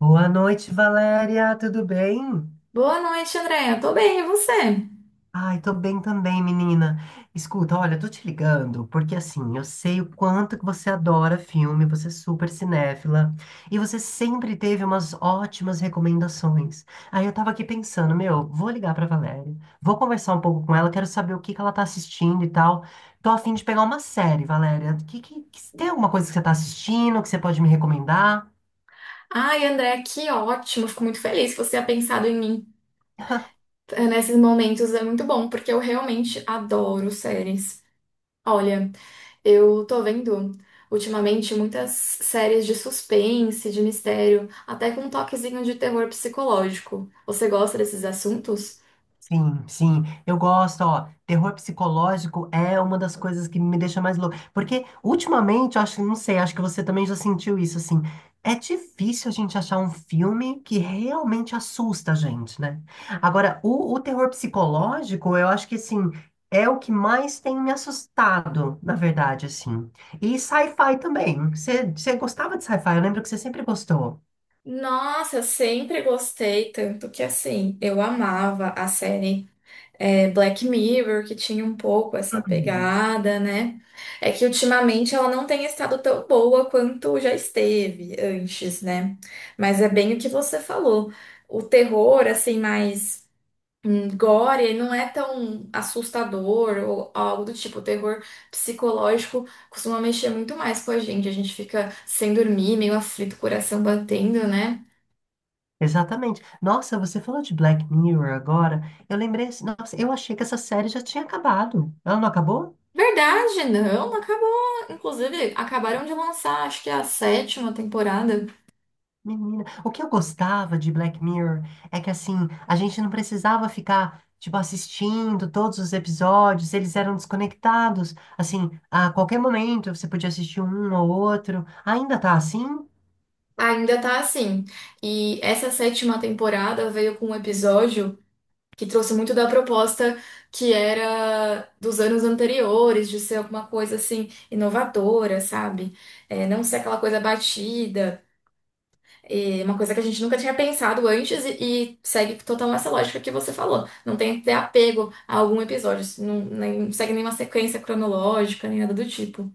Boa noite, Valéria, tudo bem? Boa noite, Andréia. Tô bem, e você? Ai, tô bem também, menina. Escuta, olha, tô te ligando porque assim, eu sei o quanto que você adora filme, você é super cinéfila e você sempre teve umas ótimas recomendações. Aí eu tava aqui pensando, meu, vou ligar pra Valéria, vou conversar um pouco com ela, quero saber o que que ela tá assistindo e tal. Tô a fim de pegar uma série, Valéria. Tem alguma coisa que você tá assistindo que você pode me recomendar? Ai, Andréia, que ótimo. Fico muito feliz que você tenha pensado em mim nesses momentos. É muito bom, porque eu realmente adoro séries. Olha, eu tô vendo ultimamente muitas séries de suspense, de mistério, até com um toquezinho de terror psicológico. Você gosta desses assuntos? Sim, sim, eu gosto, ó, terror psicológico é uma das coisas que me deixa mais louco, porque ultimamente, eu acho, não sei, acho que você também já sentiu isso, assim, é difícil a gente achar um filme que realmente assusta a gente, né? Agora, o terror psicológico, eu acho que, assim, é o que mais tem me assustado, na verdade, assim, e sci-fi também, você gostava de sci-fi, eu lembro que você sempre gostou. Nossa, eu sempre gostei, tanto que assim, eu amava a série. Black Mirror, que tinha um pouco essa pegada, né? É que ultimamente ela não tem estado tão boa quanto já esteve antes, né? Mas é bem o que você falou. O terror, assim, mais gore, ele não é tão assustador ou algo do tipo. O terror psicológico costuma mexer muito mais com a gente. A gente fica sem dormir, meio aflito, coração batendo, né? Exatamente. Nossa, você falou de Black Mirror agora. Eu lembrei, assim, nossa, eu achei que essa série já tinha acabado. Ela não acabou? Verdade, não, acabou. Inclusive, acabaram de lançar, acho que a sétima temporada. Menina, o que eu gostava de Black Mirror é que assim, a gente não precisava ficar tipo assistindo todos os episódios, eles eram desconectados. Assim, a qualquer momento você podia assistir um ou outro. Ainda tá assim? Ainda tá assim. E essa sétima temporada veio com um episódio que trouxe muito da proposta que era dos anos anteriores, de ser alguma coisa assim inovadora, sabe? É, não ser aquela coisa batida. É uma coisa que a gente nunca tinha pensado antes e segue total essa lógica que você falou. Não tem que ter apego a algum episódio, não, não segue nenhuma sequência cronológica, nem nada do tipo.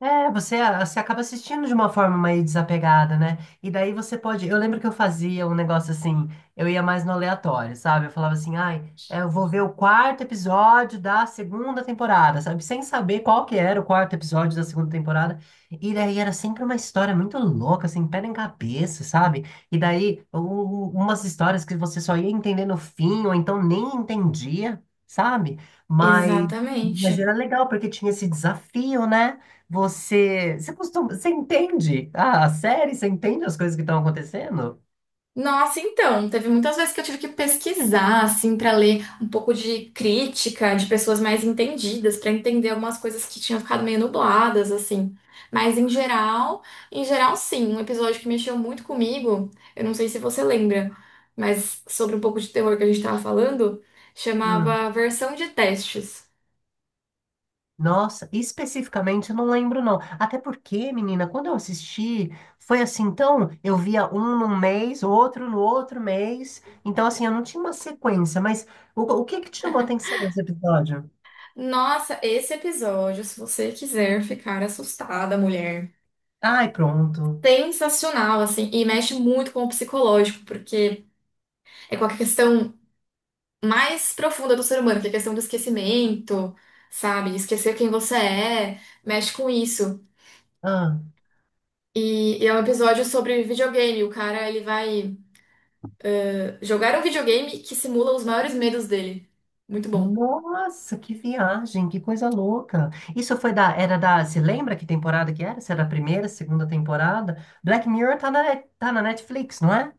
É, você acaba assistindo de uma forma mais desapegada, né? E daí você pode. Eu lembro que eu fazia um negócio assim, eu ia mais no aleatório, sabe? Eu falava assim, ai, é, eu vou ver o quarto episódio da segunda temporada, sabe? Sem saber qual que era o quarto episódio da segunda temporada. E daí era sempre uma história muito louca, assim, pé em cabeça, sabe? E daí umas histórias que você só ia entender no fim, ou então nem entendia, sabe? Mas, mas Exatamente. era legal, porque tinha esse desafio, né? Você, você costuma, você entende? Ah, a série? Você entende as coisas que estão acontecendo? Nossa, então, teve muitas vezes que eu tive que pesquisar, assim, para ler um pouco de crítica de pessoas mais entendidas, para entender algumas coisas que tinham ficado meio nubladas, assim. Mas em geral, sim, um episódio que mexeu muito comigo, eu não sei se você lembra, mas sobre um pouco de terror que a gente estava falando, Hum, chamava Versão de Testes. nossa, especificamente eu não lembro não. Até porque, menina, quando eu assisti, foi assim, então eu via um num mês, outro no outro mês. Então assim, eu não tinha uma sequência, mas o que que te chamou a atenção nesse episódio? Nossa, esse episódio, se você quiser ficar assustada, mulher, Ai, pronto. sensacional, assim, e mexe muito com o psicológico, porque. É com a questão mais profunda do ser humano, que é a questão do esquecimento, sabe? Esquecer quem você é, mexe com isso. Ah. E é um episódio sobre videogame. O cara, ele vai jogar um videogame que simula os maiores medos dele. Muito bom. Nossa, que viagem, que coisa louca. Isso foi da, era da, se lembra que temporada que era? Se era a primeira, segunda temporada? Black Mirror tá na, tá na Netflix, não é?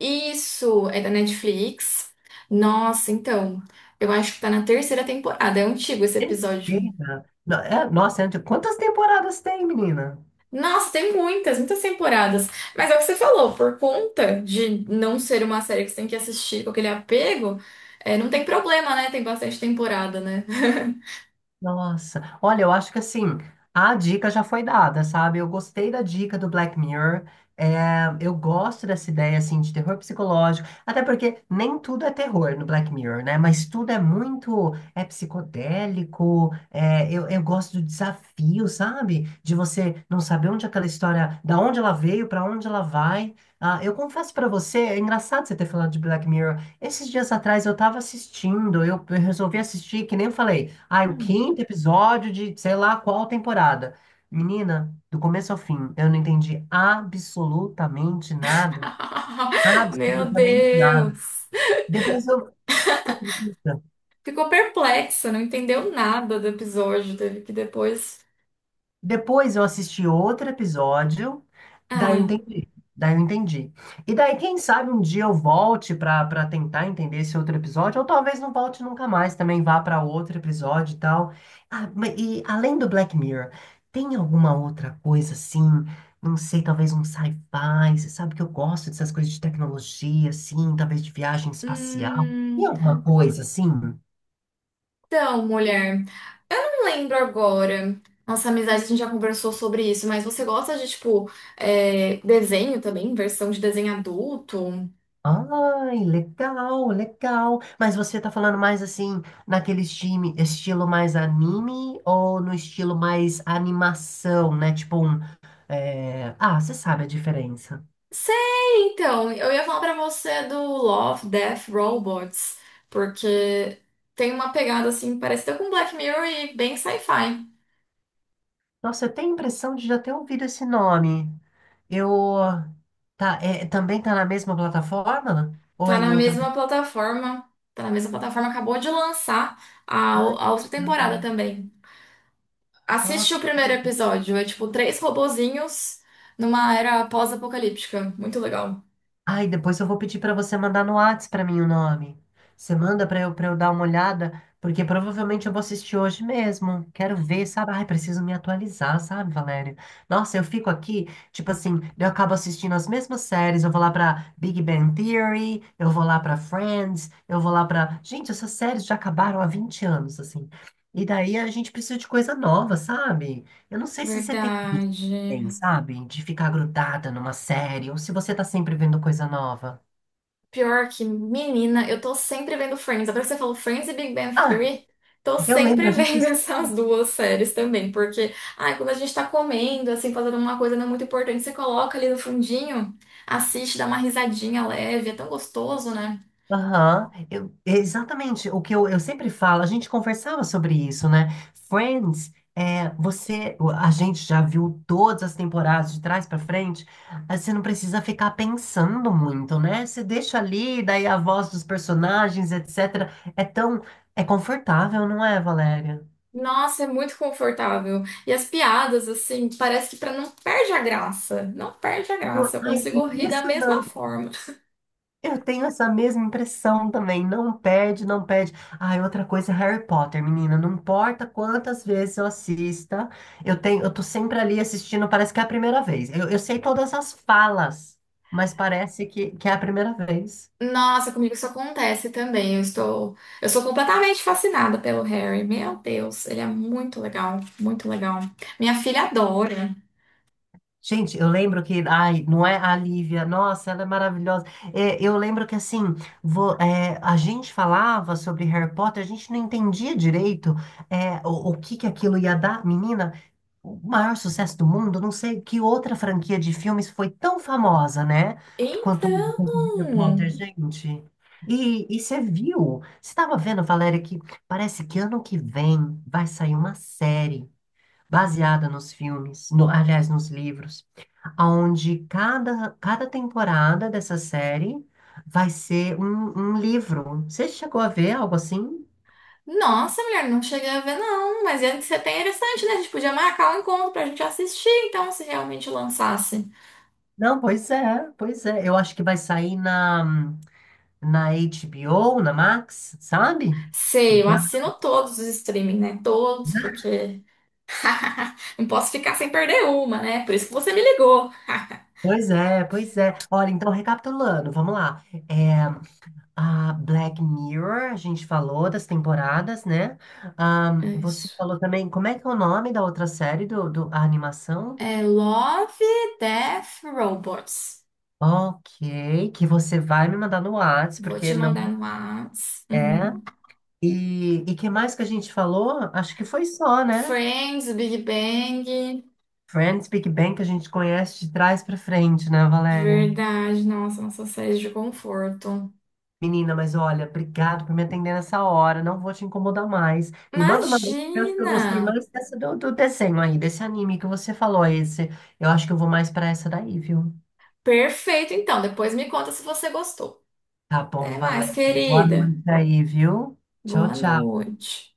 Isso é da Netflix. Nossa, então, eu acho que tá na terceira temporada. É antigo esse episódio. Terceira. É, nossa, é antigo. Quantas temporadas tem, menina? Nossa, tem muitas, muitas temporadas. Mas é o que você falou, por conta de não ser uma série que você tem que assistir com aquele apego, é, não tem problema, né? Tem bastante temporada, né? Nossa, olha, eu acho que assim, a dica já foi dada, sabe? Eu gostei da dica do Black Mirror. É, eu gosto dessa ideia, assim, de terror psicológico. Até porque nem tudo é terror no Black Mirror, né? Mas tudo é muito, é psicodélico. É, eu gosto do desafio, sabe? De você não saber onde aquela história, da onde ela veio, para onde ela vai. Ah, eu confesso para você, é engraçado você ter falado de Black Mirror. Esses dias atrás eu tava assistindo, eu resolvi assistir, que nem eu falei, ah, o Hum. quinto episódio de sei lá qual temporada. Menina, do começo ao fim, eu não entendi absolutamente nada. Meu Absolutamente nada. Deus! Depois eu. Você acredita? Ficou perplexa, não entendeu nada do episódio, teve que depois. Depois eu assisti outro episódio, daí eu Ah. entendi. Daí eu entendi. E daí, quem sabe um dia eu volte para tentar entender esse outro episódio, ou talvez não volte nunca mais, também vá para outro episódio e tal. Ah, e além do Black Mirror, tem alguma outra coisa assim? Não sei, talvez um sci-fi. Você sabe que eu gosto dessas coisas de tecnologia, assim, talvez de viagem espacial. Tem Hum. alguma coisa assim? Então, mulher, eu lembro agora. Nossa amizade, a gente já conversou sobre isso, mas você gosta de, tipo, desenho também? Versão de desenho adulto? Ai, legal, legal. Mas você tá falando mais assim, naquele time, estilo mais anime ou no estilo mais animação, né? Tipo um. É, ah, você sabe a diferença. Sei, então, eu ia falar pra você do Love, Death, Robots, porque tem uma pegada assim parecida com Black Mirror e bem sci-fi. Nossa, eu tenho a impressão de já ter ouvido esse nome. Eu. Tá, é, também tá na mesma plataforma? Ou é Tá em na outra? mesma plataforma, tá na mesma plataforma, acabou de lançar a, Ai, a outra temporada também. Assiste nossa. o primeiro episódio, é tipo três robozinhos numa era pós-apocalíptica, muito legal. Ai, depois eu vou pedir para você mandar no Whats para mim o nome. Você manda para eu dar uma olhada, porque provavelmente eu vou assistir hoje mesmo. Quero ver, sabe? Ai, preciso me atualizar, sabe, Valéria? Nossa, eu fico aqui, tipo assim, eu acabo assistindo as mesmas séries. Eu vou lá para Big Bang Theory, eu vou lá para Friends, eu vou lá para. Gente, essas séries já acabaram há 20 anos, assim. E daí a gente precisa de coisa nova, sabe? Eu não sei se você tem tem, Verdade. sabe? De ficar grudada numa série, ou se você tá sempre vendo coisa nova. Pior que, menina, eu tô sempre vendo Friends. Agora que você falou Friends e Big Bang Ah, Theory, tô eu lembro, sempre a gente. vendo essas duas séries também. Porque, ai, quando a gente tá comendo, assim, fazendo uma coisa não é muito importante, você coloca ali no fundinho, assiste, dá uma risadinha leve, é tão gostoso, né? Aham, exatamente. O que eu sempre falo, a gente conversava sobre isso, né? Friends, é, você, a gente já viu todas as temporadas de trás pra frente, aí você não precisa ficar pensando muito, né? Você deixa ali, daí a voz dos personagens, etc. É tão, é confortável, não é, Valéria? Nossa, é muito confortável. E as piadas, assim, parece que pra não perde a graça. Não perde a Não, graça. Eu ai, consigo rir da mesma impressionante. forma. Eu tenho essa mesma impressão também. Não perde, não perde. Ah, e outra coisa é Harry Potter, menina. Não importa quantas vezes eu assista, eu tenho, eu tô sempre ali assistindo, parece que é a primeira vez. Eu sei todas as falas, mas parece que é a primeira vez. Nossa, comigo isso acontece também. Eu estou, eu sou completamente fascinada pelo Harry. Meu Deus, ele é muito legal, muito legal. Minha filha adora. Gente, eu lembro que, ai, não é a Lívia, nossa, ela é maravilhosa. É, eu lembro que, assim, é, a gente falava sobre Harry Potter, a gente não entendia direito, é, o que que aquilo ia dar, menina. O maior sucesso do mundo, não sei que outra franquia de filmes foi tão famosa, né? Quanto Então, quanto Harry Potter, gente. E você viu? Você estava vendo, Valéria, que parece que ano que vem vai sair uma série baseada nos filmes, aliás, nos livros, onde cada temporada dessa série vai ser um livro. Você chegou a ver algo assim? nossa, mulher, não cheguei a ver não, mas ia ser bem interessante, né? A gente podia marcar um encontro pra gente assistir, então, se realmente lançasse. Não, pois é, pois é. Eu acho que vai sair na. Na HBO, na Max, sabe? Sei, eu Já- assino todos os streaming, né? Todos, porque não posso ficar sem perder uma, né? Por isso que você me ligou. Pois é, pois é. Olha, então recapitulando, vamos lá. É, a Black Mirror, a gente falou das temporadas, né? É Você isso. falou também, como é que é o nome da outra série do, do a animação? É Love, Death, Robots. Ok, que você vai me mandar no Whats, Vou te porque mandar não no Whats. é. Uhum. E que mais que a gente falou? Acho que foi só, né? Friends, Big Bang. Friends, Big Bang, que a gente conhece de trás pra frente, né, Valéria? Verdade, nossa, nossa série de conforto. Menina, mas olha, obrigado por me atender nessa hora. Não vou te incomodar mais. Me manda uma vez, eu acho que eu Imagina! gostei mais dessa do, do desenho aí, desse anime que você falou, esse. Eu acho que eu vou mais pra essa daí, viu? Perfeito, então. Depois me conta se você gostou. Tá bom, Até mais, valeu. Boa querida. noite aí, viu? Tchau, Boa tchau. noite.